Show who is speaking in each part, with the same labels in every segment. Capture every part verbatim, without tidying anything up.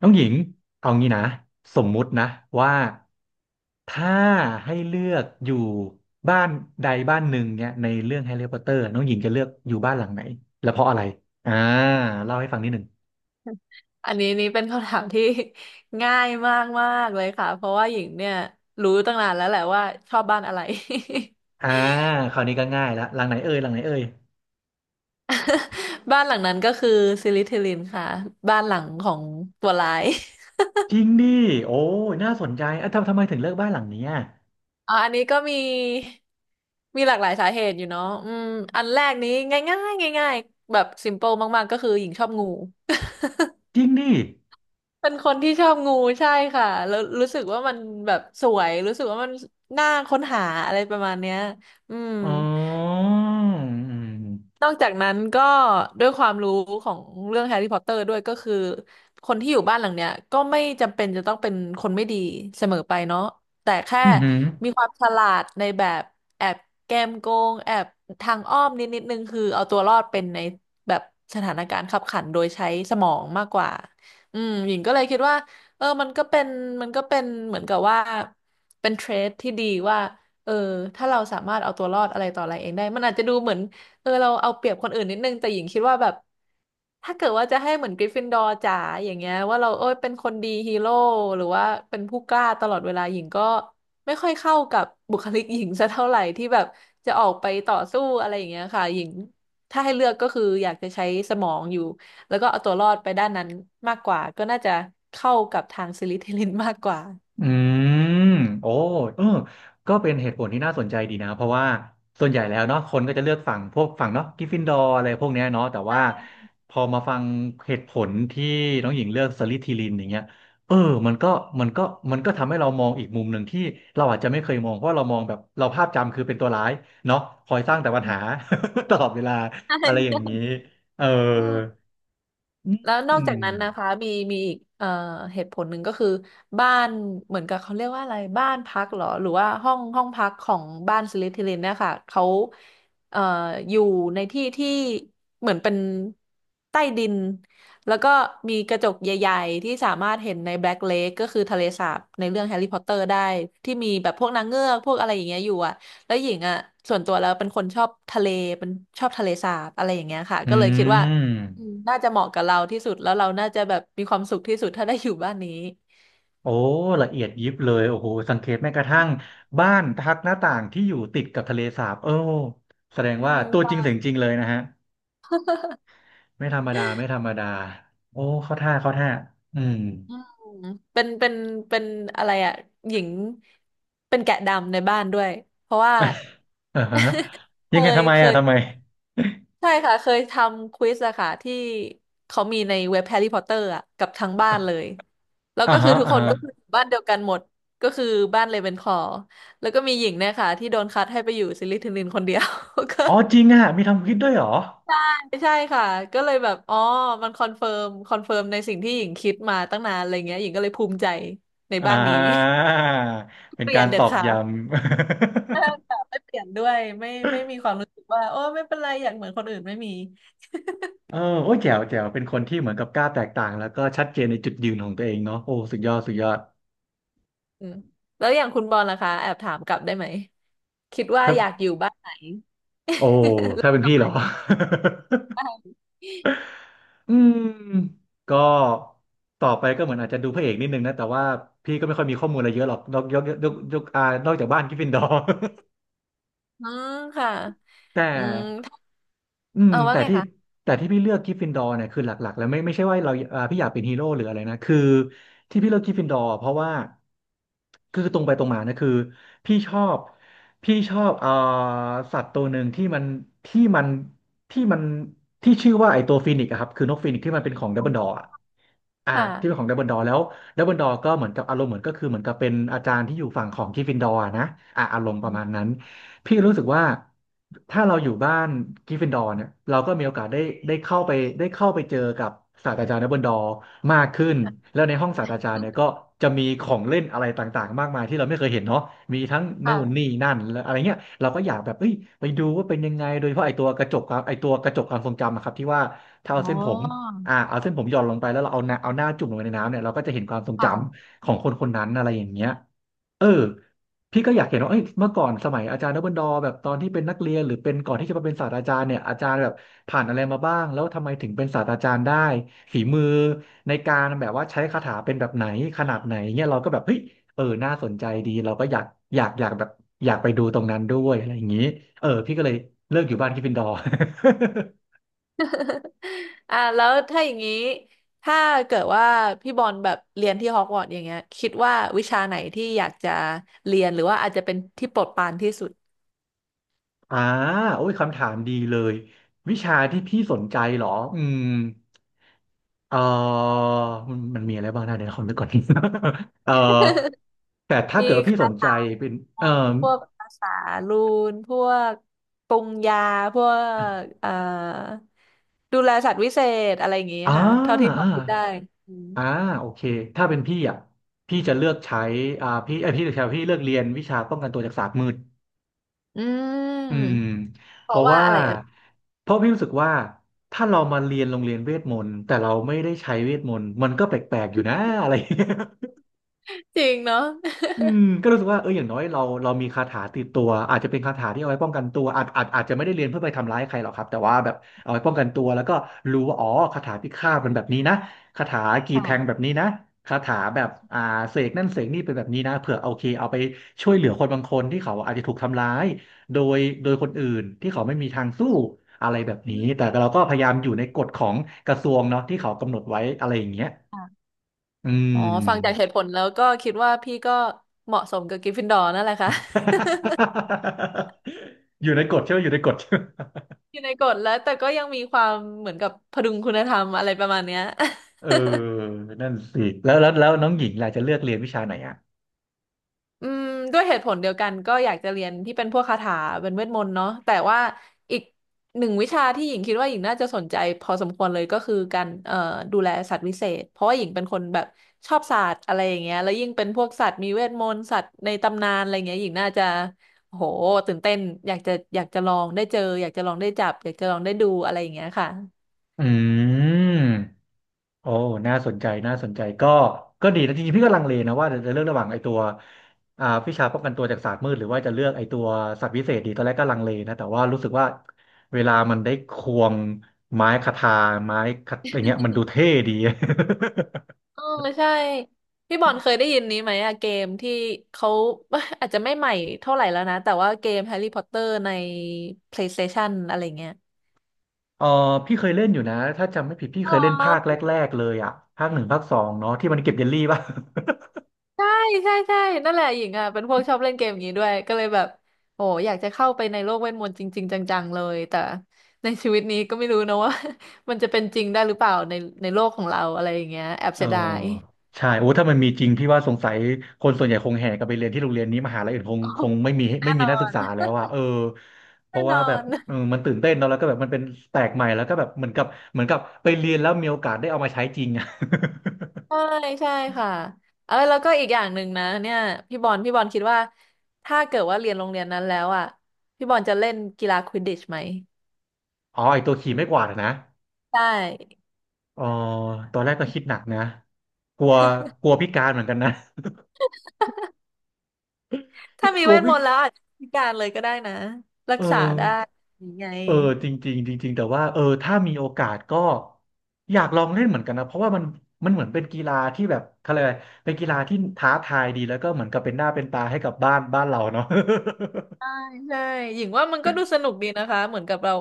Speaker 1: น้องหญิงเอางี้นะสมมุตินะว่าถ้าให้เลือกอยู่บ้านใดบ้านหนึ่งเนี่ยในเรื่องแฮร์รี่พอตเตอร์น้องหญิงจะเลือกอยู่บ้านหลังไหนและเพราะอะไรอ่าเล่าให้ฟังนิดหนึ่ง
Speaker 2: อันนี้นี่เป็นคำถามที่ ง่ายมากมากเลยค่ะเพราะว่าหญิงเนี่ยรู้ตั้งนานแล้วแหละว่าชอบบ้านอะไร
Speaker 1: อ่าคราวนี้ก็ง่ายละหลังไหนเอ่ยหลังไหนเอ่ย
Speaker 2: บ้านหลังนั้นก็คือซิลิทิลินค่ะบ้านหลังของตัวร้าย
Speaker 1: จริงดิโอ้ยน่าสนใจอ่ะทำทำไมถึงเลือกบ้านหลังเนี้ย
Speaker 2: อ๋ออันนี้ก็มีมีหลากหลายสาเหตุอยู่เนาะอืมอันแรกนี้ง่ายง่ายง่ายๆแบบซิมเปิลมากๆก็คือหญิงชอบงู
Speaker 1: จริงดิ
Speaker 2: เป็นคนที่ชอบงูใช่ค่ะแล้วรู้สึกว่ามันแบบสวยรู้สึกว่ามันน่าค้นหาอะไรประมาณเนี้ยอืม
Speaker 1: อ๋ออืม
Speaker 2: นอกจากนั้นก็ด้วยความรู้ของเรื่องแฮร์รี่พอตเตอร์ด้วยก็คือคนที่อยู่บ้านหลังเนี้ยก็ไม่จำเป็นจะต้องเป็นคนไม่ดีเสมอไปเนาะแต่แค่
Speaker 1: อืม
Speaker 2: มีความฉลาดในแบบแอบแกมโกงแอบทางอ้อมนิดนิดนึงคือเอาตัวรอดเป็นในแบบสถานการณ์ขับขันโดยใช้สมองมากกว่าอืมหญิงก็เลยคิดว่าเออมันก็เป็นมันก็เป็นเหมือนกับว่าเป็นเทรดที่ดีว่าเออถ้าเราสามารถเอาตัวรอดอะไรต่ออะไรเองได้มันอาจจะดูเหมือน เออเราเอาเปรียบคนอื่นนิดนึงแต่หญิงคิดว่าแบบถ้าเกิดว่าจะให้เหมือนกริฟฟินดอร์จ๋าอย่างเงี้ยว่าเราเอ้ยเป็นคนดีฮีโร่หรือว่าเป็นผู้กล้าตลอดเวลาหญิงก็ไม่ค่อยเข้ากับบุคลิกหญิงสักเท่าไหร่ที่แบบจะออกไปต่อสู้อะไรอย่างเงี้ยค่ะหญิงถ้าให้เลือกก็คืออยากจะใช้สมองอยู่แล้วก็เอาตัวรอดไปด้านนั้นมากกว่าก็น่าจะเข้ากับทางซิลิเทลินมากกว่า
Speaker 1: อืมโอ้เออก็เป็นเหตุผลที่น่าสนใจดีนะเพราะว่าส่วนใหญ่แล้วเนาะคนก็จะเลือกฝั่งพวกฝั่งเนาะกริฟฟินดอร์อะไรพวกเนี้ยเนาะแต่ว่าพอมาฟังเหตุผลที่น้องหญิงเลือกสลิธีรินอย่างเงี้ยเออมันก็มันก็มันก็ทำให้เรามองอีกมุมหนึ่งที่เราอาจจะไม่เคยมองเพราะเรามองแบบเราภาพจำคือเป็นตัวร้ายเนาะคอยสร้างแต่ปัญ
Speaker 2: อืม
Speaker 1: หา ตลอดเวลา
Speaker 2: ใช่
Speaker 1: อะไรอย่า
Speaker 2: ใช่
Speaker 1: งนี้เออ
Speaker 2: เออ
Speaker 1: อ
Speaker 2: แล้วนอ
Speaker 1: ื
Speaker 2: กจาก
Speaker 1: ม
Speaker 2: นั้นนะคะมีมีอีกเอ่อเหตุผลหนึ่งก็คือบ้านเหมือนกับเขาเรียกว่าอะไรบ้านพักเหรอหรือว่าห้องห้องพักของบ้านสลิธีรินเนี่ยค่ะเขาเอ่ออยู่ในที่ที่เหมือนเป็นใต้ดินแล้วก็มีกระจกใหญ่ๆที่สามารถเห็นในแบล็กเลคก็คือทะเลสาบในเรื่องแฮร์รี่พอตเตอร์ได้ที่มีแบบพวกนางเงือกพวกอะไรอย่างเงี้ยอยู่อะแล้วหญิงอ่ะส่วนตัวแล้วเป็นคนชอบทะเลเป็นชอบทะเลสาบอะไรอย่างเงี้ยค่ะ
Speaker 1: อื
Speaker 2: ก็เลยคิดว่า อืม
Speaker 1: ม
Speaker 2: น่าจะเหมาะกับเราที่สุดแล้วเราน่าจะแบบมีความสุขที่สุดถ้าได้อยู่บ้านนี้
Speaker 1: โอ้ละเอียดยิบเลยโอ้โหสังเกตแม้กระทั่งบ้านทักหน้าต่างที่อยู่ติดกับทะเลสาบโอ้แสดง
Speaker 2: อื
Speaker 1: ว่า
Speaker 2: ม
Speaker 1: ตัว
Speaker 2: ค
Speaker 1: จริ
Speaker 2: วา
Speaker 1: งเสี
Speaker 2: ม
Speaker 1: ยงจริงเลยนะฮะไม่ธรรมดาไม่ธรรมดาโอ้เข้าท่าเข้าท่าอืม
Speaker 2: อืมเป็นเป็นเป็นอะไรอ่ะหญิงเป็นแกะดำในบ้านด้วยเพราะว่า
Speaker 1: อ่าฮะ
Speaker 2: เค
Speaker 1: ยังไง
Speaker 2: ย
Speaker 1: ทำไม
Speaker 2: เค
Speaker 1: อ่ะ
Speaker 2: ย
Speaker 1: ทำไม
Speaker 2: ใช่ค่ะเคยทำควิสอะค่ะที่เขามีในเว็บแฮร์รี่พอตเตอร์อะกับทั้งบ้านเลยแล้ว
Speaker 1: อ่า
Speaker 2: ก็คือ
Speaker 1: ฮะ
Speaker 2: ทุก
Speaker 1: อ่า
Speaker 2: คนก็คือ
Speaker 1: ฮะ
Speaker 2: อยู่บ้านเดียวกันหมดก็คือบ้านเลเวนคลอว์แล้วก็มีหญิงเนี่ยค่ะที่โดนคัดให้ไปอยู่ซิลิทิลินคนเดียว ก็
Speaker 1: อ๋อจริงอ่ะมีทำคลิปด้วยเหรอ
Speaker 2: ไม่ใช่ค่ะก็เลยแบบอ๋อมันคอนเฟิร์มคอนเฟิร์มในสิ่งที่หญิงคิดมาตั้งนานอะไรเงี้ยหญิงก็เลยภูมิใจใน
Speaker 1: อ่า
Speaker 2: บ้านนี้
Speaker 1: เป็น
Speaker 2: เปลี่ย
Speaker 1: กา
Speaker 2: น
Speaker 1: ร
Speaker 2: เด็
Speaker 1: ต
Speaker 2: ด
Speaker 1: อก
Speaker 2: ขาด
Speaker 1: ย้ำ
Speaker 2: ใช่ค่ะไม่เปลี่ยนด้วยไม่ไม่มีความรู้สึกว่าโอ้ไม่เป็นไรอยากเหมือนคนอื่นไม่มี
Speaker 1: เออโอ้ยแจ๋วแจ๋วเป็นคนที่เหมือนกับกล้าแตกต่างแล้วก็ชัดเจนในจุดยืนของตัวเองเนาะโอ้สุดยอดสุดยอด
Speaker 2: อืมแล้วอย่างคุณบอลล่ะคะแอบถามกลับได้ไหมคิดว่า
Speaker 1: ถ้า
Speaker 2: อยากอยู่บ้านไหน
Speaker 1: โอ้ ถ้าเป็นพี่เหรอ อืม ก็ต่อไปก็เหมือนอาจจะดูพระเอกนิดนึงนะ แต่ว่าพี่ก็ไม่ค่อยมีข้อมูลอะไรเยอะหรอก นอกยกยกยกยกอ่านอกจากบ้านกริฟฟินดอร์
Speaker 2: อืมค่ะ
Speaker 1: แต่
Speaker 2: อืม
Speaker 1: อืม
Speaker 2: เอาว่า
Speaker 1: แต่
Speaker 2: ไง
Speaker 1: ที่
Speaker 2: คะ
Speaker 1: แต่ที่พี่เลือกกริฟฟินดอร์เนี่ยคือหลักๆแล้วไม่ไม่ใช่ว่าเราอ่าพี่อยากเป็นฮีโร่หรืออะไรนะคือที่พี่เลือกกริฟฟินดอร์เพราะว่าคือตรงไปตรงมานะคือพี่ชอบพี่ชอบเอ่อสัตว์ตัวหนึ่งที่มันที่มันที่มันที่ชื่อว่าไอตัวฟีนิกซ์อะครับคือนกฟีนิกซ์ที่มันเป็นของดัมเบิลดอร์ อ่าที่เป็นข
Speaker 2: ค่ะ
Speaker 1: องดัมเบิลดอร์แล้วดัมเบิลดอร์ก็เหมือนกับอารมณ์เหมือนก็คือเหมือนกับเป็นอาจารย์ที่อยู่ฝั่งของก r ฟฟินดอร์นะอ่าอารมณ์ป
Speaker 2: อื
Speaker 1: ระมาณ
Speaker 2: ม
Speaker 1: นั้นพี่รู้สึกว่าถ้าเราอยู่บ้านก r ฟฟินดอร์เนี่ยเราก็มีโอกาสได้ได้เข้าไปได้เข้าไปเจอกับศาสตราจารย์ดัมเบิลดอร์มากขึ้น
Speaker 2: ค่ะ
Speaker 1: แล้วในห้องศาสตราจารย์เนี่ยก็จะมีของเล่นอะไรต่างๆมากมายที่เราไม่เคยเห็นเนาะมีทั้งนู่น
Speaker 2: ค่ะ
Speaker 1: นี่นั่นและอะไรเงี้ยเราก็อยากแบบเอ้ยไปดูว่าเป็นยังไงโดยเฉพาะไอตัวกระจกความไอตัวกระจกความทรงจำอะครับที่ว่าถ้าเอา
Speaker 2: อ๋อ
Speaker 1: เส้นผม อ่าเอาเส้นผมหย่อนลงไปแล้วเราเอาหน้าเอาหน้าจุ่มลงไปในน้ำเนี่ยเราก็จะเห็นความทรงจ
Speaker 2: ค่ะ
Speaker 1: ำของคนคนนั้นอะไรอย่างเงี้ยเออพี่ก็อยากเห็นว่าเอ้ยเมื่อก่อนสมัยอาจารย์ดับเบิลดอแบบตอนที่เป็นนักเรียนหรือเป็นก่อนที่จะมาเป็นศาสตราจารย์เนี่ยอาจารย์แบบผ่านอะไรมาบ้างแล้วทำไมถึงเป็นศาสตราจารย์ได้ฝีมือในการแบบว่าใช้คาถาเป็นแบบไหนขนาดไหนเงี้ยเราก็แบบเฮ้ยเออน่าสนใจดีเราก็อยากอยากอยากแบบอยากไปดูตรงนั้นด้วยอะไรอย่างงี้เออพี่ก็เลยเลิกอยู่บ้านกริฟฟินดอร์
Speaker 2: อ่ะแล้วถ้าอย่างนี้ถ้าเกิดว่าพี่บอลแบบเรียนที่ฮอกวอตส์อย่างเงี้ยคิดว่าวิชาไหนที่อยากจะเรียนหรือว่าอาจจะเป็นที่โปรดปรานที่สุด
Speaker 1: อ่าโอ้ยคำถามดีเลยวิชาที่พี่สนใจเหรออืมเออมันมันมีอะไรบ้างนะเดี๋ยวขอนึกก่อน เออแต่ถ้า
Speaker 2: มี
Speaker 1: เกิดว่าพี่ส
Speaker 2: คา
Speaker 1: นใจ
Speaker 2: ถา
Speaker 1: เป็น
Speaker 2: ม
Speaker 1: เออ
Speaker 2: นต์พวกภาษารูนพวกปรุงยาพวกเอ่อดูแลสัตว์วิเศษอะไรอย่างงี้
Speaker 1: อ่า
Speaker 2: ค่ะเท่าที่พ
Speaker 1: อ่
Speaker 2: อคิดได้
Speaker 1: า
Speaker 2: อืม
Speaker 1: อ่าโอเคถ้าเป็นพี่อ่ะพี่จะเลือกใช้อ่าพี่เอยพี่จะใช้พี่เลือกเรียนวิชาป้องกันตัวจากศาสตร์มืด
Speaker 2: อื
Speaker 1: อื
Speaker 2: ม
Speaker 1: ม
Speaker 2: เพ
Speaker 1: เพ
Speaker 2: ราะ
Speaker 1: ราะ
Speaker 2: ว่า
Speaker 1: ว่า
Speaker 2: อะไรเอ่ย
Speaker 1: เพราะพี่รู้สึกว่าถ้าเรามาเรียนโรงเรียนเวทมนต์แต่เราไม่ได้ใช้เวทมนต์มันก็แปลกๆอยู่นะอะไรอย่างเงี้ย
Speaker 2: จริงเนาะ
Speaker 1: อืมก็รู้สึกว่าเอออย่างน้อยเราเรามีคาถาติดตัวอาจจะเป็นคาถาที่เอาไว้ป้องกันตัวอาจอาจอาจจะไม่ได้เรียนเพื่อไปทำร้ายใครหรอกครับแต่ว่าแบบเอาไว้ป้องกันตัวแล้วก็รู้ว่าอ๋อคาถาพิฆาตเป็นแบบนี้นะคาถากี่แท
Speaker 2: ค่ะ
Speaker 1: งแบบนี้นะคาถาแบบอ่าเสกนั่นเสกนี่เป็นแบบนี้นะเผื่อโอเคเอาไปช่วยเหลือคนบางคนที่เขาอาจจะถูกทำร้ายโดยโดยคนอื่นที่เขาไม่มีทางสู้อะไรแบบนี้แต่เราก็พยายามอยู่ในกฎของกระทรวงเนาะที่เขากำหนดไว้อะไรอย่างเงี้ย อื
Speaker 2: อ๋อ
Speaker 1: ม
Speaker 2: ฟังจากเหตุผลแล้วก็คิดว่าพี่ก็เหมาะสมกับกริฟฟินดอร์นั่นแหละค่ะ
Speaker 1: อยู่ในกฎใช่ไหมอยู่ในกฎใช่ไหม
Speaker 2: อยู่ในกฎแล้วแต่ก็ยังมีความเหมือนกับพดุงคุณธรรมอะไรประมาณเนี้ย
Speaker 1: เออนั่นสิแล้วแล้วแล้วน้องหญิงล่ะจะเลือกเรียนวิชาไหนอ่ะ
Speaker 2: อืมด้วยเหตุผลเดียวกันก็อยากจะเรียนที่เป็นพวกคาถาเป็นเวทมนต์เนาะแต่ว่าอีกหนึ่งวิชาที่หญิงคิดว่าหญิงน่าจะสนใจพอสมควรเลยก็คือการเอ่อดูแลสัตว์วิเศษเพราะว่าหญิงเป็นคนแบบชอบสัตว์อะไรอย่างเงี้ยแล้วยิ่งเป็นพวกสัตว์มีเวทมนต์สัตว์ในตำนานอะไรเงี้ยหญิงน่าจะโอ้โหตื่นเต้นอยากจะอยากจะลองได้เจออยากจะลองได้จับอยากจะลองได้ดูอะไรอย่างเงี้ยค่ะ
Speaker 1: อืมโอ้น่าสนใจน่าสนใจก็ก็ดีนะจริงๆพี่ก็ลังเลนะว่าจะเลือกระหว่างไอ้ตัวอ่าวิชาป้องกันตัวจากศาสตร์มืดหรือว่าจะเลือกไอ้ตัวสัตว์วิเศษดีตอนแรกก็ลังเลนะแต่ว่ารู้สึกว่าเวลามันได้ควงไม้คทาไม้คทอะไรเงี้ยมันดูเท่ดี
Speaker 2: เออใช่พี่บอลเคยได้ยินนี้ไหมอะเกมที่เขา อาจจะไม่ใหม่เท่าไหร่แล้วนะแต่ว่าเกมแฮร์รี่พอตเตอร์ใน PlayStation อะไรเงี้ย
Speaker 1: เออพี่เคยเล่นอยู่นะถ้าจำไม่ผิดพี่
Speaker 2: อ๋
Speaker 1: เคยเล่นภาคแร
Speaker 2: อ
Speaker 1: กๆเลยอ่ะภาคหนึ่งภาคสองเนาะที่มันเก็บเยลลี่ป่ะ
Speaker 2: ใช่ใช่ใช่นั่นแหละหญิงอ่ะเป็นพวกชอบเล่นเกมอย่างนี้ด้วยก็เลยแบบโอ้อยากจะเข้าไปในโลกเวทมนต์จริงๆจังๆเลยแต่ในชีวิตนี้ก็ไม่รู้นะว่า มันจะเป็นจริงได้หรือเปล่าในในโลกของเราอะไรอย่างเงี้ยแอบ
Speaker 1: เออ
Speaker 2: เสียดาย
Speaker 1: ใช่โอ้ถ้ามันมีจริงพี่ว่าสงสัยคนส่วนใหญ่คงแห่กันไปเรียนที่โรงเรียนนี้มหาลัยอื่นคง
Speaker 2: อ๋อ
Speaker 1: คงไม่มี
Speaker 2: แน่
Speaker 1: ไม่มี
Speaker 2: นอ
Speaker 1: นักศึก
Speaker 2: น
Speaker 1: ษาแล้วอ่ะเออเพ
Speaker 2: แน่
Speaker 1: ราะ
Speaker 2: น
Speaker 1: ว่า
Speaker 2: อ
Speaker 1: แบบ
Speaker 2: น
Speaker 1: เออมันตื่นเต้นเนาะแล้วก็แบบมันเป็นแปลกใหม่แล้วก็แบบเหมือนกับเหมือนกับไปเรียนแล้วมีโอกาสได้เอามาใช้จริงอ่ะ
Speaker 2: ใช่ใช่ค่ะเออแล้วก็อีกอย่างหนึ่งนะเนี่ยพี่บอลพี่บอลคิดว่าถ้าเกิดว่าเรียนโรงเรียนนั้นแล้วอ่ะพี่บอลจะเล่นกีฬาควิดดิชไหม
Speaker 1: อ๋อไอตัวขี่ไม้กวาดอะนะ
Speaker 2: ใช่
Speaker 1: เอ๋อตอนแรกก็คิดหนักนะกลัวกลัวพิการเหมือนกันนะ คื
Speaker 2: ถ้า
Speaker 1: อ
Speaker 2: มี
Speaker 1: กลั
Speaker 2: เว
Speaker 1: ว
Speaker 2: ทม
Speaker 1: พิ
Speaker 2: นต์แล้วอาจจะพิการเลยก็ได้นะรั
Speaker 1: เอ
Speaker 2: กษาได้
Speaker 1: อ
Speaker 2: ยังไง
Speaker 1: เออจริงๆจริงๆแต่ว่าเออถ้ามีโอกาสก็อยากลองเล่นเหมือนกันนะเพราะว่ามันมันเหมือนเป็นกีฬาที่แบบเขาเรียกอะไรเป็นกีฬาที่ท้าทายดีแล้วก็เหมือนกับเป็นหน้าเป็นตาให้กับบ้านบ้านเราเนาะ
Speaker 2: ใช่ ใช่หญิงว่ามันก็ดูสนุกดีนะคะเหมือนกับเรา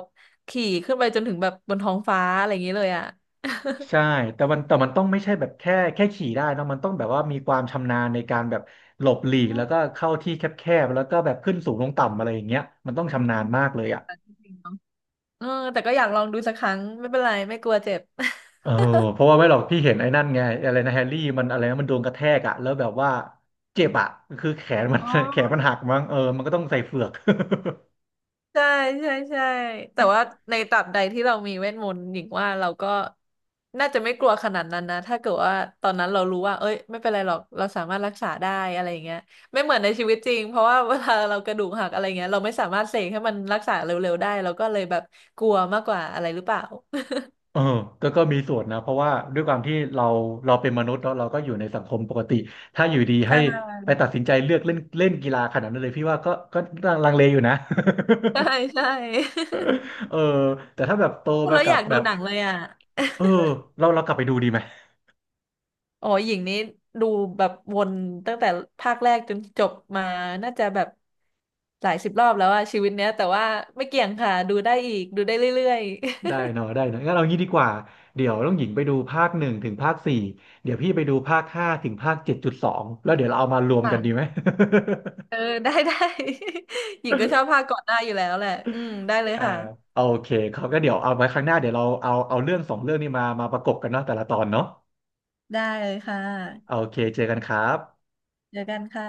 Speaker 2: ขี่ขึ้นไปจนถึงแบบบนท้องฟ้าอะไรอย่างนี้เลยอ่ะ
Speaker 1: ใช่แต่มันแต่มันต้องไม่ใช่แบบแค่แค่ขี่ได้นะมันต้องแบบว่ามีความชำนาญในการแบบหลบหลี
Speaker 2: อื
Speaker 1: กแล้
Speaker 2: ม
Speaker 1: วก็เข้าที่แคบๆแล้วก็แบบขึ้นสูงลงต่ำอะไรอย่างเงี้ยมันต้องชำนาญมากเลยอ่ะ
Speaker 2: จริงๆเนอะเออแต่ก็อยากลองดูสักครั้งไม่เป็นไรไม่กลัวเจ็บ
Speaker 1: เออ เพราะว่าไม่หรอกพี่เห็นไอ้นั่นไงอะไรนะแฮร์รี่มันอะไรนะมันโดนกระแทกอะแล้วแบบว่าเจ็บอะคือแขนมัน
Speaker 2: อ๋
Speaker 1: แขน
Speaker 2: อ
Speaker 1: มันหักมั้งเออมันก็ต้องใส่เฝือก
Speaker 2: ใช่ใช่ใช่แต่ว่าในตราบใดที่เรามีเวทมนต์หญิงว่าเราก็น่าจะไม่กลัวขนาดนั้นนะถ้าเกิดว่าตอนนั้นเรารู้ว่าเอ้ยไม่เป็นไรหรอกเราสามารถรักษาได้อะไรอย่างเงี้ยไม่เหมือนในชีวิตจริงเพราะว่า เวลาเรากระดูกหักอะไรเงี้ยเราไม่สามารถเสกให้มันรักษาเร็วๆได้เราก็เลยแบบกลัวมากกว่าอะไรหรือเปล่า
Speaker 1: เออก็ก็มีส่วนนะเพราะว่าด้วยความที่เราเราเป็นมนุษย์เนาะเราก็อยู่ในสังคมปกติถ้าอยู่ดี
Speaker 2: ใช
Speaker 1: ให้ไป
Speaker 2: ่
Speaker 1: ตัดสินใจเลือกเล่นเล่นกีฬาขนาดนั้นเลยพี่ว่าก็ก็ลังเลอยู่นะ
Speaker 2: ใช่ใช่
Speaker 1: เออแต่ถ้าแบบโต
Speaker 2: พูด
Speaker 1: มา
Speaker 2: แล้ว
Speaker 1: กั
Speaker 2: อ
Speaker 1: บ
Speaker 2: ยาก
Speaker 1: แบ
Speaker 2: ดู
Speaker 1: บ
Speaker 2: หนังเลยอ่ะ
Speaker 1: เออเราเรากลับไปดูดีไหม
Speaker 2: อ๋อหญิงนี้ดูแบบวนตั้งแต่ภาคแรกจนจบมาน่าจะแบบหลายสิบรอบแล้วอะชีวิตเนี้ยแต่ว่าไม่เกี่ยงค่ะดูได้อีกดูได้เรื่อย
Speaker 1: ได้เนาะได้เนาะงั้นเอางี้ดีกว่าเดี๋ยวต้องหญิงไปดูภาคหนึ่งถึงภาคสี่เดี๋ยวพี่ไปดูภาคห้าถึงภาคเจ็ดจุดสองแล้วเดี๋ยวเราเอามารว
Speaker 2: ๆ
Speaker 1: ม
Speaker 2: ค่ะ
Speaker 1: กันดีไหม
Speaker 2: เอ อได้ได้ หญิงก็ชอบภาคก่อนหน้าอยู่แล้วแหละอืมได้เลย
Speaker 1: อ่า
Speaker 2: ค่ะ
Speaker 1: โอเคเขาก็เดี๋ยวเอาไว้ครั้งหน้าเดี๋ยวเราเอาเอาเรื่องสองเรื่องนี้มามาประกบกันเนาะแต่ละตอนเนาะ
Speaker 2: ได้เลยค่ะ
Speaker 1: โอเคเจอกันครับ
Speaker 2: เจอกันค่ะ